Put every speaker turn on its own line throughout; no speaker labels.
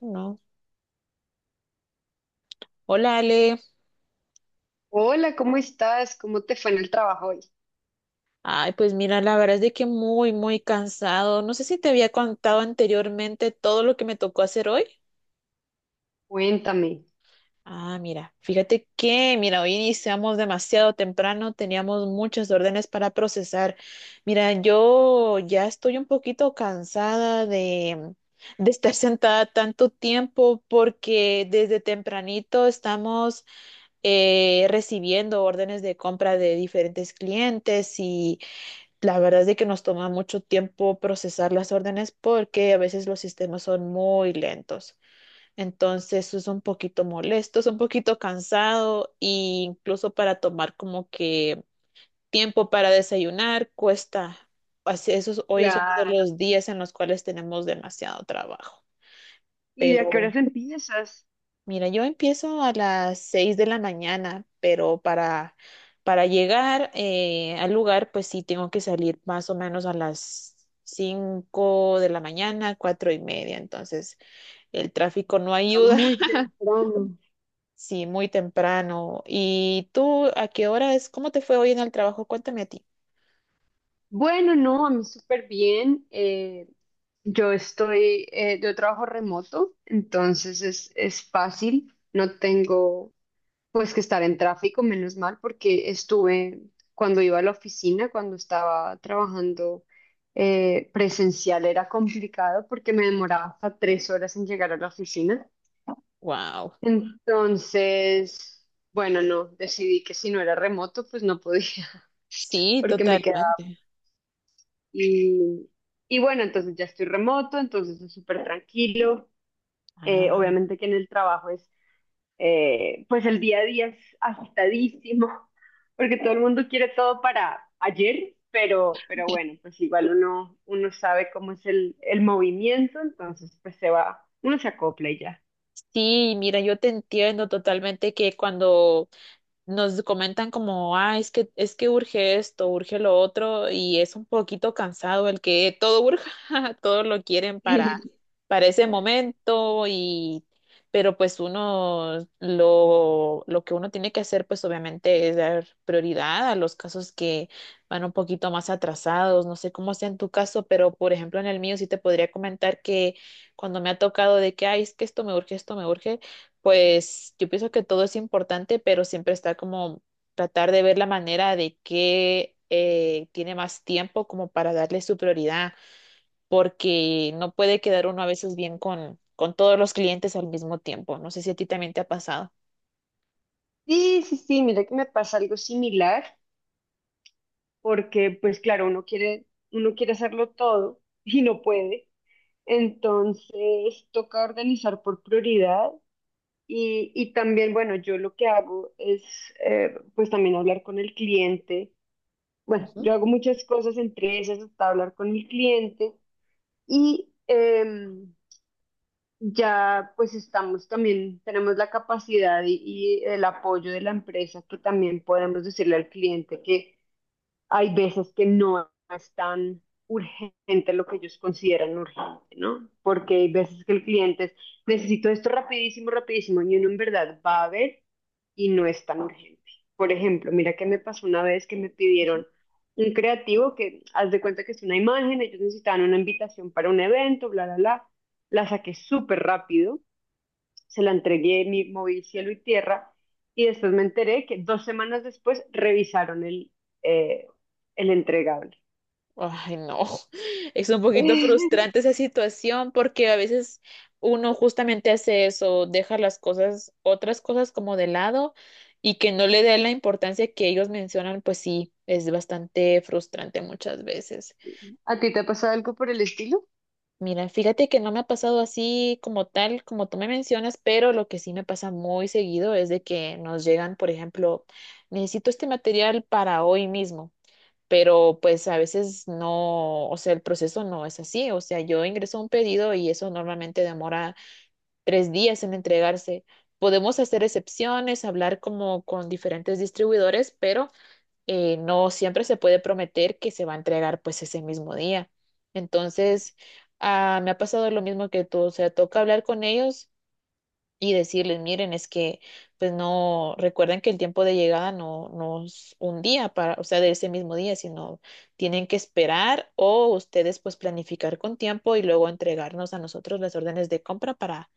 No. Hola, Ale.
Hola, ¿cómo estás? ¿Cómo te fue en el trabajo hoy?
Ay, pues mira, la verdad es de que muy, muy cansado. No sé si te había contado anteriormente todo lo que me tocó hacer hoy.
Cuéntame.
Ah, mira, fíjate que, hoy iniciamos demasiado temprano, teníamos muchas órdenes para procesar. Mira, yo ya estoy un poquito cansada de estar sentada tanto tiempo porque desde tempranito estamos recibiendo órdenes de compra de diferentes clientes y... La verdad es de que nos toma mucho tiempo procesar las órdenes porque a veces los sistemas son muy lentos. Entonces eso es un poquito molesto, es un poquito cansado e incluso para tomar como que tiempo para desayunar cuesta. Así, hoy es uno de
Claro.
los días en los cuales tenemos demasiado trabajo.
¿Y de a qué
Pero
horas empiezas?
mira, yo empiezo a las 6 de la mañana, pero para llegar al lugar, pues sí tengo que salir más o menos a las 5 de la mañana, 4 y media. Entonces, el tráfico no
Está
ayuda.
muy temprano.
Sí, muy temprano. ¿Y tú a qué hora es? ¿Cómo te fue hoy en el trabajo? Cuéntame a ti.
Bueno, no, a mí súper bien. Yo estoy, yo trabajo remoto, entonces es fácil. No tengo pues que estar en tráfico, menos mal, porque estuve cuando iba a la oficina, cuando estaba trabajando presencial, era complicado porque me demoraba hasta 3 horas en llegar a la oficina.
Wow.
Entonces, bueno, no, decidí que si no era remoto, pues no podía,
Sí,
porque me quedaba.
totalmente.
Y, y bueno, entonces ya estoy remoto, entonces es súper tranquilo.
Ah.
Obviamente que en el trabajo es, pues el día a día es agitadísimo, porque todo el mundo quiere todo para ayer, pero bueno, pues igual uno, uno sabe cómo es el movimiento, entonces pues se va, uno se acopla y ya.
Sí, mira, yo te entiendo totalmente que cuando nos comentan como, ah, es que urge esto, urge lo otro, y es un poquito cansado el que todo urge, todo lo quieren para ese momento, y, pero pues uno, lo que uno tiene que hacer, pues obviamente es dar prioridad a los casos que van un poquito más atrasados, no sé cómo sea en tu caso, pero por ejemplo en el mío sí te podría comentar que cuando me ha tocado de que, ay, es que esto me urge, pues yo pienso que todo es importante, pero siempre está como tratar de ver la manera de que tiene más tiempo como para darle su prioridad, porque no puede quedar uno a veces bien con todos los clientes al mismo tiempo. No sé si a ti también te ha pasado.
Sí, sí, sí, mira que me pasa algo similar. Porque pues claro, uno quiere hacerlo todo y no puede. Entonces toca organizar por prioridad y también, bueno, yo lo que hago es pues también hablar con el cliente. Bueno,
Ujú,
yo hago muchas cosas entre esas hasta hablar con el cliente y ya pues estamos también, tenemos la capacidad y el apoyo de la empresa que también podemos decirle al cliente que hay veces que no es tan urgente lo que ellos consideran urgente, ¿no? Porque hay veces que el cliente es, necesito esto rapidísimo, rapidísimo, y uno en verdad va a ver y no es tan urgente. Por ejemplo, mira que me pasó una vez que me
ujú.
pidieron un creativo que, haz de cuenta que es una imagen, ellos necesitaban una invitación para un evento, bla, bla, bla, la saqué súper rápido, se la entregué, mi, moví cielo y tierra, y después me enteré que dos semanas después revisaron eh, el entregable.
Ay, no, es un poquito frustrante esa situación porque a veces uno justamente hace eso, deja las cosas, otras cosas como de lado y que no le dé la importancia que ellos mencionan, pues sí, es bastante frustrante muchas veces.
¿A ti te ha pasado algo por el estilo?
Mira, fíjate que no me ha pasado así como tal, como tú me mencionas, pero lo que sí me pasa muy seguido es de que nos llegan, por ejemplo, necesito este material para hoy mismo, pero pues a veces no, o sea, el proceso no es así, o sea, yo ingreso un pedido y eso normalmente demora 3 días en entregarse. Podemos hacer excepciones, hablar como con diferentes distribuidores, pero no siempre se puede prometer que se va a entregar pues ese mismo día. Entonces, ah, me ha pasado lo mismo que tú, o sea, toca hablar con ellos y decirles, miren, es que pues no, recuerden que el tiempo de llegada no es un día para, o sea, de ese mismo día, sino tienen que esperar o ustedes pues planificar con tiempo y luego entregarnos a nosotros las órdenes de compra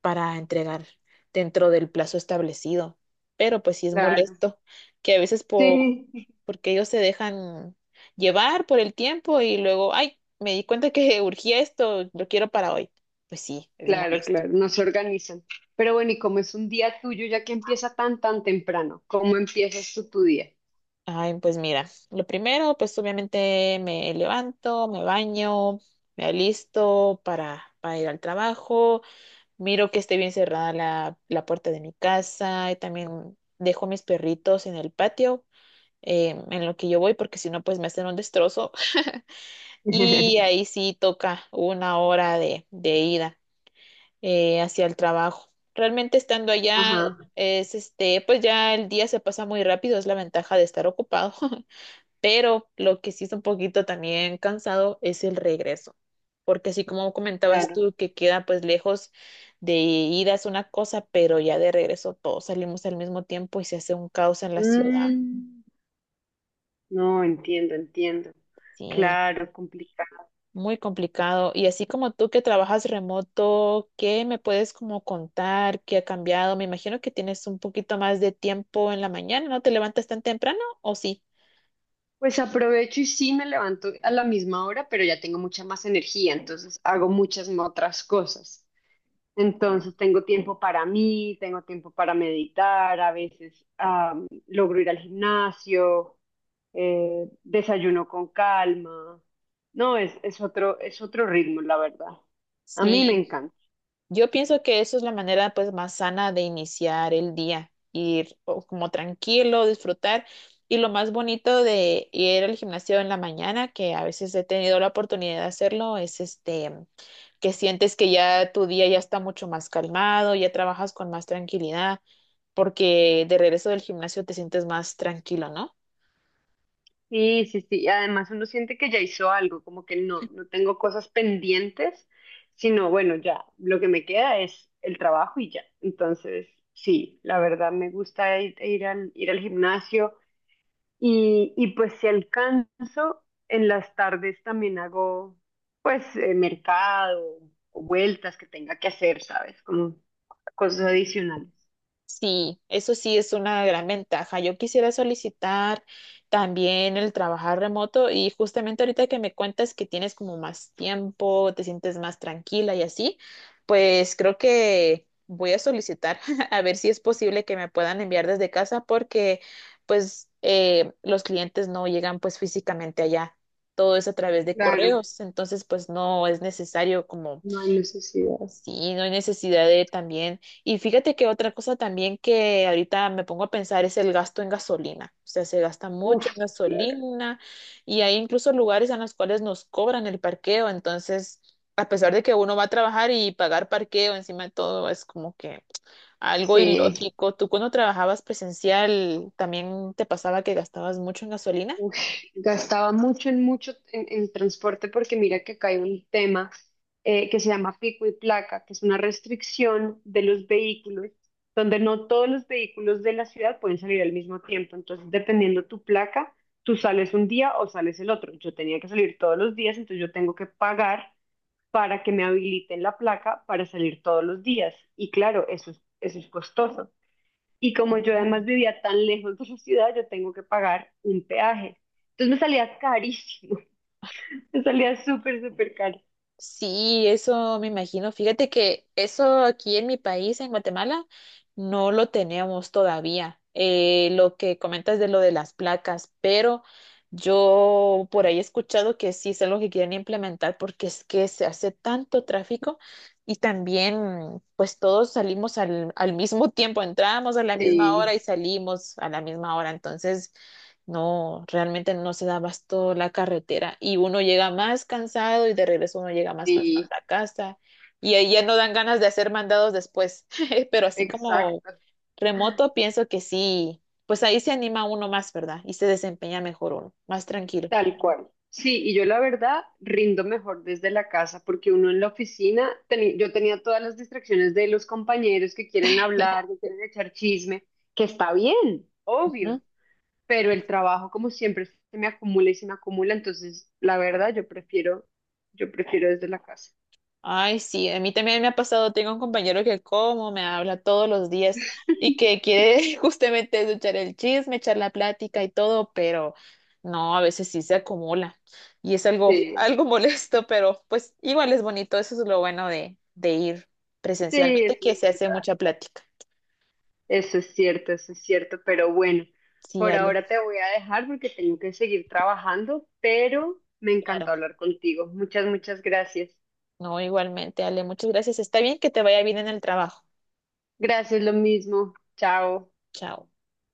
para entregar dentro del plazo establecido. Pero pues sí es
Claro,
molesto que a veces
sí,
porque ellos se dejan llevar por el tiempo y luego, ay, me di cuenta que urgía esto, lo quiero para hoy. Pues sí, es
claro,
molesto.
claro, no se organizan. Pero bueno, ¿y cómo es un día tuyo ya que empieza tan, tan temprano? ¿Cómo empiezas tú tu día?
Ay, pues mira, lo primero, pues obviamente me levanto, me baño, me alisto para ir al trabajo, miro que esté bien cerrada la puerta de mi casa y también dejo mis perritos en el patio en lo que yo voy porque si no, pues me hacen un destrozo y ahí sí toca una hora de ida hacia el trabajo. Realmente estando allá
Ajá,
es este, pues ya el día se pasa muy rápido, es la ventaja de estar ocupado. Pero lo que sí es un poquito también cansado es el regreso, porque así como comentabas
claro.
tú que queda pues lejos, de ida es una cosa, pero ya de regreso todos salimos al mismo tiempo y se hace un caos en la ciudad.
Mm, no, entiendo, entiendo.
Sí,
Claro, complicado.
muy complicado. Y así como tú que trabajas remoto, ¿qué me puedes como contar? ¿Qué ha cambiado? Me imagino que tienes un poquito más de tiempo en la mañana, ¿no te levantas tan temprano o sí?
Pues aprovecho y sí me levanto a la misma hora, pero ya tengo mucha más energía, entonces hago muchas más otras cosas. Entonces tengo tiempo para mí, tengo tiempo para meditar, a veces logro ir al gimnasio, desayuno con calma. No, es otro ritmo, la verdad. A mí me
Sí,
encanta.
yo pienso que eso es la manera pues más sana de iniciar el día, ir o, como tranquilo, disfrutar. Y lo más bonito de ir al gimnasio en la mañana, que a veces he tenido la oportunidad de hacerlo, es este que sientes que ya tu día ya está mucho más calmado, ya trabajas con más tranquilidad, porque de regreso del gimnasio te sientes más tranquilo, ¿no?
Sí, sí, sí. Y además uno siente que ya hizo algo, como que no, no tengo cosas pendientes, sino bueno, ya lo que me queda es el trabajo y ya. Entonces, sí, la verdad me gusta ir, ir al gimnasio y pues si alcanzo, en las tardes también hago pues mercado o vueltas que tenga que hacer, ¿sabes? Como cosas adicionales.
Sí, eso sí es una gran ventaja. Yo quisiera solicitar también el trabajar remoto y justamente ahorita que me cuentas que tienes como más tiempo, te sientes más tranquila y así, pues creo que voy a solicitar a ver si es posible que me puedan enviar desde casa porque pues los clientes no llegan pues físicamente allá. Todo es a través de
Claro,
correos, entonces pues no es necesario como
no hay necesidad.
sí, no hay necesidad de también. Y fíjate que otra cosa también que ahorita me pongo a pensar es el gasto en gasolina. O sea, se gasta mucho
Uf,
en
claro.
gasolina y hay incluso lugares en los cuales nos cobran el parqueo. Entonces, a pesar de que uno va a trabajar y pagar parqueo encima de todo es como que algo
Sí.
ilógico. ¿Tú cuando trabajabas presencial también te pasaba que gastabas mucho en gasolina?
Uy, gastaba mucho en mucho en transporte porque mira que acá hay un tema que se llama pico y placa, que es una restricción de los vehículos, donde no todos los vehículos de la ciudad pueden salir al mismo tiempo. Entonces, dependiendo tu placa, tú sales un día o sales el otro. Yo tenía que salir todos los días, entonces yo tengo que pagar para que me habiliten la placa para salir todos los días. Y claro, eso es costoso. Y como yo además vivía tan lejos de su ciudad, yo tengo que pagar un peaje. Entonces me salía carísimo, me salía súper, súper caro.
Sí, eso me imagino. Fíjate que eso aquí en mi país, en Guatemala, no lo tenemos todavía. Lo que comentas de lo de las placas, pero yo por ahí he escuchado que sí es algo que quieren implementar porque es que se hace tanto tráfico y también pues todos salimos al mismo tiempo, entramos a la misma hora
Sí,
y salimos a la misma hora. Entonces... No, realmente no se da abasto la carretera y uno llega más cansado y de regreso uno llega más cansado
sí,
a la casa y ahí ya no dan ganas de hacer mandados después, pero así como
exacto.
remoto pienso que sí, pues ahí se anima uno más, ¿verdad? Y se desempeña mejor uno, más tranquilo.
Tal cual. Sí, y yo la verdad rindo mejor desde la casa porque uno en la oficina, teni- yo tenía todas las distracciones de los compañeros que quieren hablar, que quieren echar chisme, que está bien, obvio, pero el trabajo como siempre se me acumula y se me acumula, entonces la verdad yo prefiero desde la casa.
Ay, sí, a mí también me ha pasado, tengo un compañero que como, me habla todos los días y que quiere justamente eso, echar el chisme, echar la plática y todo, pero no, a veces sí se acumula y es algo,
Sí,
algo molesto, pero pues igual es bonito, eso es lo bueno de ir
sí,
presencialmente,
eso,
que se hace mucha plática.
eso es cierto, pero bueno,
Sí,
por
Ale,
ahora te voy a dejar porque tengo que seguir trabajando, pero me
claro,
encantó hablar contigo. Muchas, muchas gracias.
no, igualmente, Ale, muchas gracias, está bien que te vaya bien en el trabajo.
Gracias, lo mismo. Chao.
Chao.